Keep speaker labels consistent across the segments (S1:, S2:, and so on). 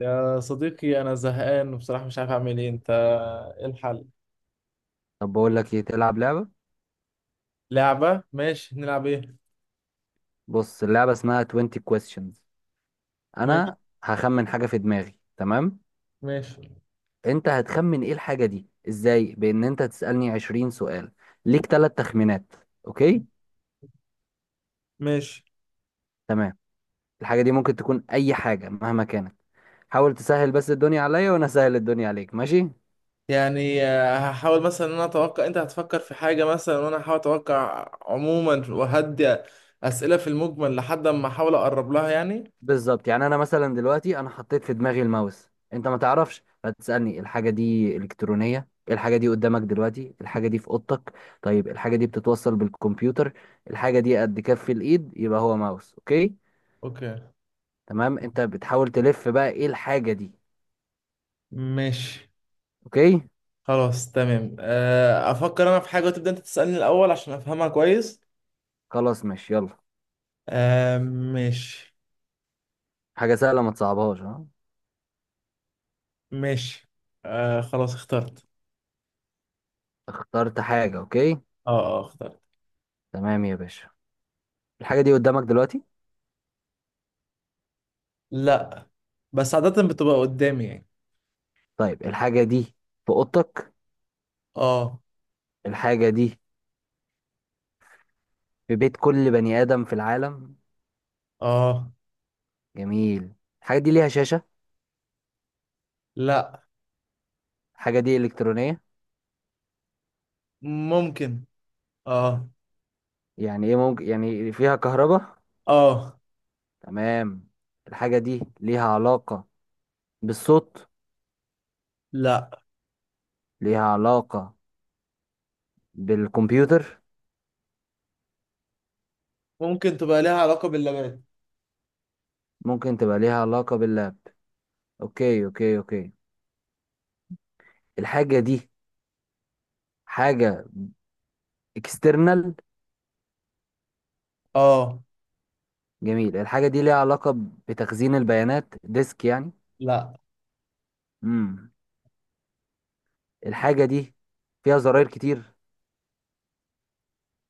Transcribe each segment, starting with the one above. S1: يا صديقي، أنا زهقان وبصراحة مش عارف أعمل إيه. أنت إيه الحل؟
S2: طب بقول لك ايه؟ تلعب لعبة.
S1: لعبة؟ ماشي، نلعب إيه؟
S2: بص اللعبة اسمها 20 questions.
S1: ماشي.
S2: انا هخمن حاجة في دماغي، تمام؟
S1: ماشي.
S2: انت هتخمن ايه الحاجة دي ازاي؟ بان انت تسألني 20 سؤال. ليك ثلاث تخمينات. اوكي،
S1: ماشي.
S2: تمام. الحاجة دي ممكن تكون اي حاجة مهما كانت. حاول تسهل بس الدنيا عليا وانا اسهل الدنيا عليك، ماشي؟
S1: يعني هحاول مثلا إن أنا أتوقع أنت هتفكر في حاجة مثلا، وأنا هحاول أتوقع عموما وهدي أسئلة في المجمل لحد ما أحاول أقرب لها يعني.
S2: بالظبط. يعني انا مثلا دلوقتي، انا حطيت في دماغي الماوس، انت ما تعرفش، فتسالني الحاجه دي الكترونيه؟ الحاجه دي قدامك دلوقتي؟ الحاجه دي في اوضتك؟ طيب الحاجه دي بتتوصل بالكمبيوتر؟ الحاجه دي قد كف الايد؟ يبقى هو ماوس، اوكي؟
S1: أوكي.
S2: تمام، انت بتحاول تلف بقى ايه الحاجه دي.
S1: ماشي.
S2: اوكي،
S1: خلاص تمام، أفكر أنا في حاجة وتبدأ أنت تسألني الأول عشان أفهمها كويس.
S2: خلاص، ماشي، يلا.
S1: آه، ماشي.
S2: حاجه سهله، ما تصعبهاش، ها.
S1: ماشي. آه، خلاص اخترت.
S2: اخترت حاجه، اوكي،
S1: اه. اه، اخترت.
S2: تمام يا باشا. الحاجه دي قدامك دلوقتي؟
S1: لا. بس عادة بتبقى قدامي يعني.
S2: طيب الحاجه دي في اوضتك؟
S1: اه.
S2: الحاجه دي في بيت كل بني ادم في العالم؟
S1: اه.
S2: جميل. الحاجة دي ليها شاشة؟
S1: لا.
S2: الحاجة دي إلكترونية؟
S1: ممكن. اه.
S2: يعني إيه ممكن؟ يعني فيها كهرباء؟
S1: اه.
S2: تمام. الحاجة دي ليها علاقة بالصوت؟
S1: لا.
S2: ليها علاقة بالكمبيوتر؟
S1: ممكن تبقى ليها علاقة باللبات.
S2: ممكن تبقى ليها علاقة باللاب. أوكي، أوكي، أوكي. الحاجة دي حاجة اكسترنال؟
S1: اه.
S2: جميل. الحاجة دي ليها علاقة بتخزين البيانات، ديسك يعني؟
S1: لا.
S2: مم. الحاجة دي فيها زراير كتير؟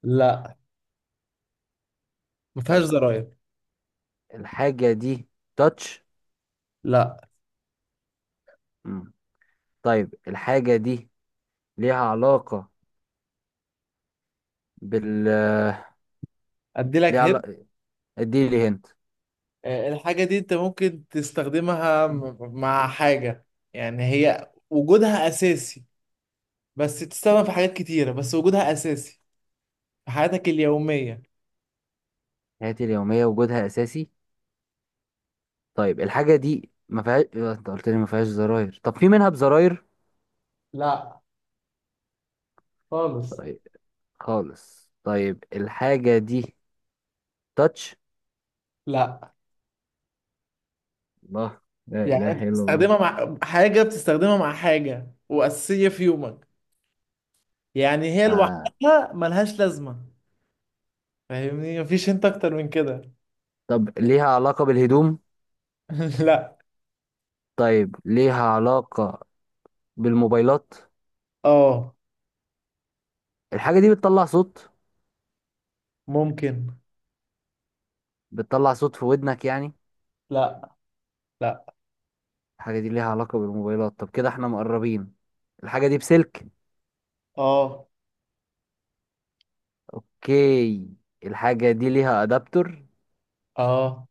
S1: لا، ما فيهاش
S2: طيب
S1: زراير.
S2: الحاجة دي تاتش؟
S1: لا.
S2: طيب الحاجة دي ليها علاقة بال
S1: ادي
S2: ليها
S1: لك هنا.
S2: علاقة. ادي لي هنت.
S1: الحاجة دي انت ممكن تستخدمها مع حاجة. يعني هي وجودها اساسي، بس تستخدم في حاجات كتيرة بس وجودها اساسي في حياتك اليومية.
S2: حياتي اليومية وجودها أساسي؟ طيب الحاجة دي ما فيهاش إيه، انت قلت لي ما فيهاش زراير، طب في منها بزراير؟
S1: لا. خالص.
S2: خالص. طيب الحاجة دي تاتش؟
S1: لا.
S2: الله، لا
S1: يعني
S2: إله
S1: انت
S2: إلا الله.
S1: بتستخدمها مع حاجة، بتستخدمها مع حاجة وأساسية في يومك. يعني هي
S2: آه.
S1: لوحدها ملهاش لازمة. فاهمني؟ مفيش انت أكتر من كده.
S2: طب ليها علاقة بالهدوم؟
S1: لا.
S2: طيب ليها علاقة بالموبايلات؟
S1: اه.
S2: الحاجة دي بتطلع صوت؟
S1: ممكن.
S2: بتطلع صوت في ودنك يعني؟
S1: لا. لا.
S2: الحاجة دي ليها علاقة بالموبايلات، طب كده احنا مقربين. الحاجة دي بسلك؟
S1: اه.
S2: اوكي. الحاجة دي ليها ادابتور؟
S1: اه.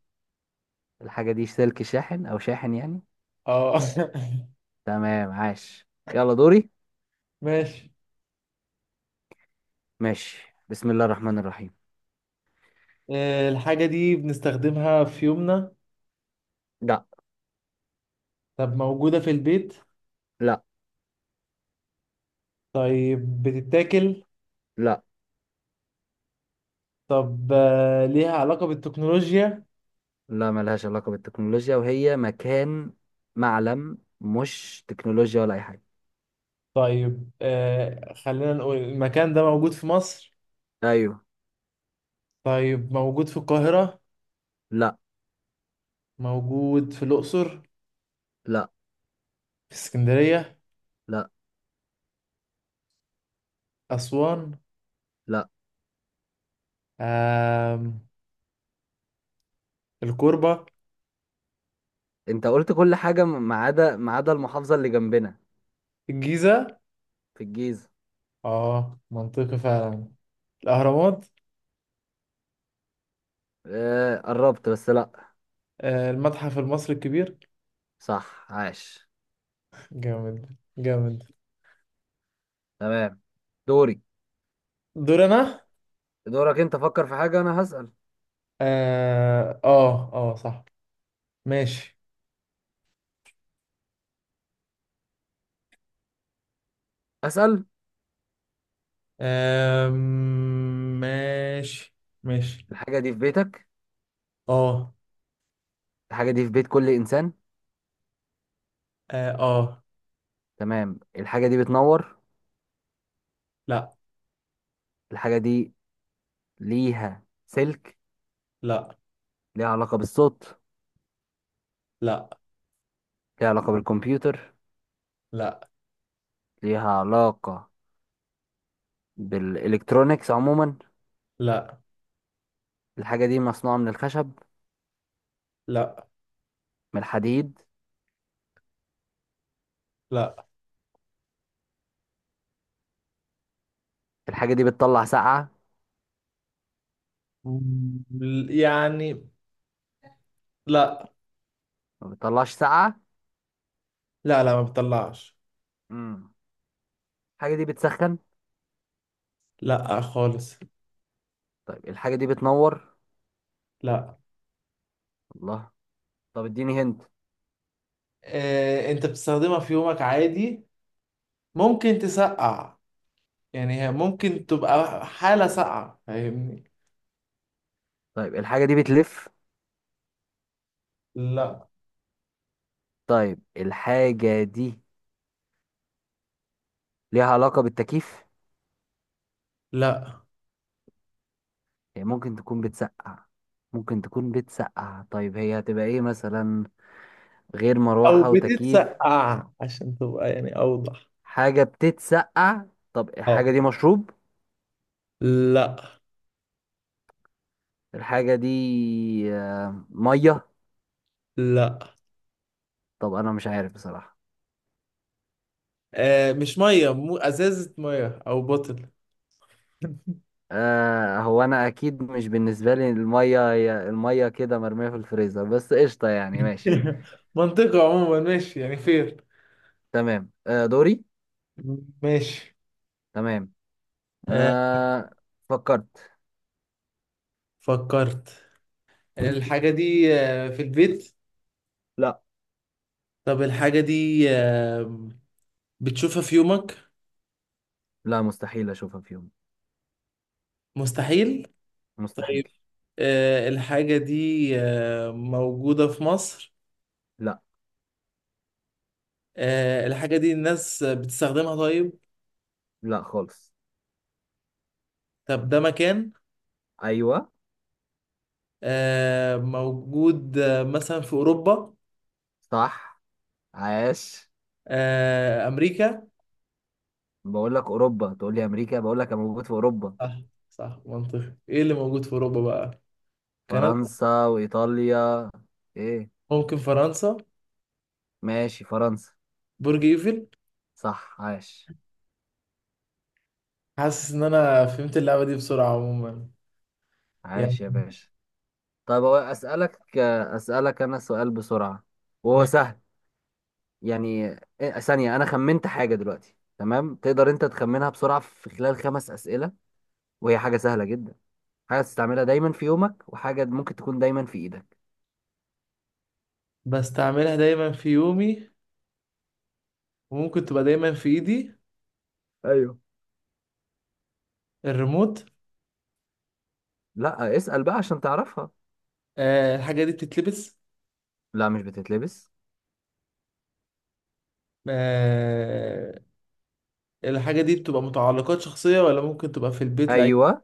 S2: الحاجة دي سلك شاحن او شاحن يعني؟
S1: اه.
S2: تمام، عاش. يلا، دوري.
S1: ماشي.
S2: ماشي، بسم الله الرحمن الرحيم.
S1: الحاجة دي بنستخدمها في يومنا.
S2: لا،
S1: طب موجودة في البيت؟
S2: لا،
S1: طيب بتتاكل؟
S2: لا،
S1: طب ليها علاقة بالتكنولوجيا؟
S2: لا ملهاش علاقة بالتكنولوجيا، وهي مكان معلم، مش تكنولوجيا ولا اي حاجة.
S1: طيب خلينا نقول المكان ده موجود في مصر.
S2: ايوه.
S1: طيب موجود في القاهرة؟
S2: لا.
S1: موجود في الأقصر؟
S2: لا.
S1: في اسكندرية؟
S2: لا.
S1: أسوان؟
S2: لا.
S1: آم. الكوربة.
S2: انت قلت كل حاجة ما عدا المحافظة اللي جنبنا.
S1: الجيزة؟
S2: في الجيزة.
S1: اه، منطقي فعلا. الأهرامات؟
S2: آه قربت، بس لا.
S1: المتحف المصري الكبير.
S2: صح، عاش.
S1: جامد جامد.
S2: تمام، دوري.
S1: دور أنا.
S2: دورك انت، فكر في حاجة، انا هسأل.
S1: اه، اه، آه، صح. ماشي.
S2: اسال.
S1: ماشي. ماشي.
S2: الحاجه دي في بيتك؟
S1: اه.
S2: الحاجه دي في بيت كل انسان؟
S1: اه. آه.
S2: تمام. الحاجه دي بتنور؟
S1: لا.
S2: الحاجه دي ليها سلك؟
S1: لا.
S2: ليها علاقه بالصوت؟
S1: لا.
S2: ليها علاقه بالكمبيوتر؟
S1: لا.
S2: ليها علاقه بالالكترونيكس عموما؟
S1: لا.
S2: الحاجه دي مصنوعه من الخشب؟
S1: لا.
S2: من الحديد؟
S1: لا.
S2: الحاجه دي بتطلع سقعه؟
S1: يعني، لا.
S2: ما بتطلعش سقعه.
S1: لا. لا، ما بتطلعش.
S2: امم الحاجه دي بتسخن؟
S1: لا خالص.
S2: طيب الحاجه دي بتنور؟
S1: لا.
S2: الله، طب اديني هنت.
S1: انت بتستخدمها في يومك عادي. ممكن تسقع. يعني هي ممكن تبقى حالة ساقعة، فاهمني.
S2: طيب الحاجه دي بتلف؟
S1: لا.
S2: طيب الحاجه دي ليها علاقه بالتكييف؟
S1: لا.
S2: هي ممكن تكون بتسقع. ممكن تكون بتسقع، طيب هي هتبقى ايه مثلا، غير
S1: او
S2: مروحة وتكييف؟
S1: بتتسقع عشان تبقى يعني اوضح.
S2: حاجة بتتسقع. طب
S1: اه.
S2: الحاجة دي مشروب؟
S1: لا.
S2: الحاجة دي مية؟
S1: لا.
S2: طب انا مش عارف بصراحة.
S1: آه، مش ميه، مو ازازة ميه او بوتل.
S2: هو انا اكيد مش بالنسبة لي المية، هي المية كده مرمية في الفريزر، بس قشطة يعني، ماشي.
S1: منطقة عموما، ماشي يعني فين.
S2: تمام، دوري.
S1: ماشي.
S2: تمام،
S1: آه.
S2: آه فكرت.
S1: فكرت. الحاجة دي في البيت.
S2: لا،
S1: طب الحاجة دي بتشوفها في يومك؟
S2: لا مستحيل اشوفها في يوم،
S1: مستحيل.
S2: مستحيل.
S1: طيب. الحاجة دي موجودة في مصر؟
S2: لا،
S1: الحاجة دي الناس بتستخدمها، طيب.
S2: لا خالص.
S1: طب ده مكان.
S2: ايوه،
S1: موجود مثلا في أوروبا.
S2: صح، عاش.
S1: أمريكا.
S2: بقول لك اوروبا تقول لي امريكا، بقول لك انا موجود في اوروبا.
S1: صح. صح منطقي. إيه اللي موجود في أوروبا بقى؟ كندا؟
S2: فرنسا وايطاليا. ايه؟
S1: ممكن فرنسا.
S2: ماشي، فرنسا.
S1: برج إيفل.
S2: صح، عاش.
S1: حاسس إن أنا فهمت اللعبة دي بسرعة عموما. يعني.
S2: عاش يا باشا. طب هو اسالك، انا سؤال بسرعه، وهو سهل. يعني ثانيه، انا خمنت حاجه دلوقتي، تمام؟ تقدر انت تخمنها بسرعه في خلال خمس اسئله، وهي حاجه سهله جدا. حاجه تستعملها دايما في يومك، وحاجه ممكن تكون دايما في ايدك.
S1: بستعملها دايما في يومي، وممكن تبقى دايما في ايدي.
S2: ايوه.
S1: الريموت؟
S2: لا، اسال بقى عشان تعرفها.
S1: الحاجة دي بتتلبس؟
S2: لا، مش بتتلبس.
S1: آه. الحاجة دي بتبقى متعلقات شخصية، ولا ممكن تبقى في البيت لأي
S2: ايوه،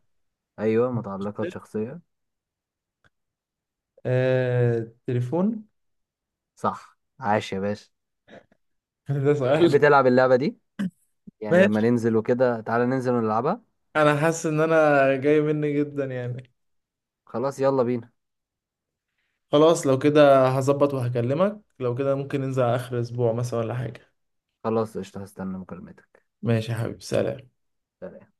S2: ايوه، متعلقات
S1: شخص؟
S2: شخصيه.
S1: تليفون.
S2: صح، عاش يا باشا.
S1: ده سؤال.
S2: تحب تلعب اللعبه دي؟ يعني لما
S1: ماشي.
S2: ننزل وكده، تعالى ننزل ونلعبها.
S1: انا حاسس ان انا جاي مني جدا يعني.
S2: خلاص، يلا بينا.
S1: خلاص، لو كده هظبط وهكلمك. لو كده ممكن ننزل على اخر اسبوع مثلا ولا حاجة.
S2: خلاص، قشطه، هستنى مكالمتك.
S1: ماشي يا حبيبي، سلام.
S2: سلام.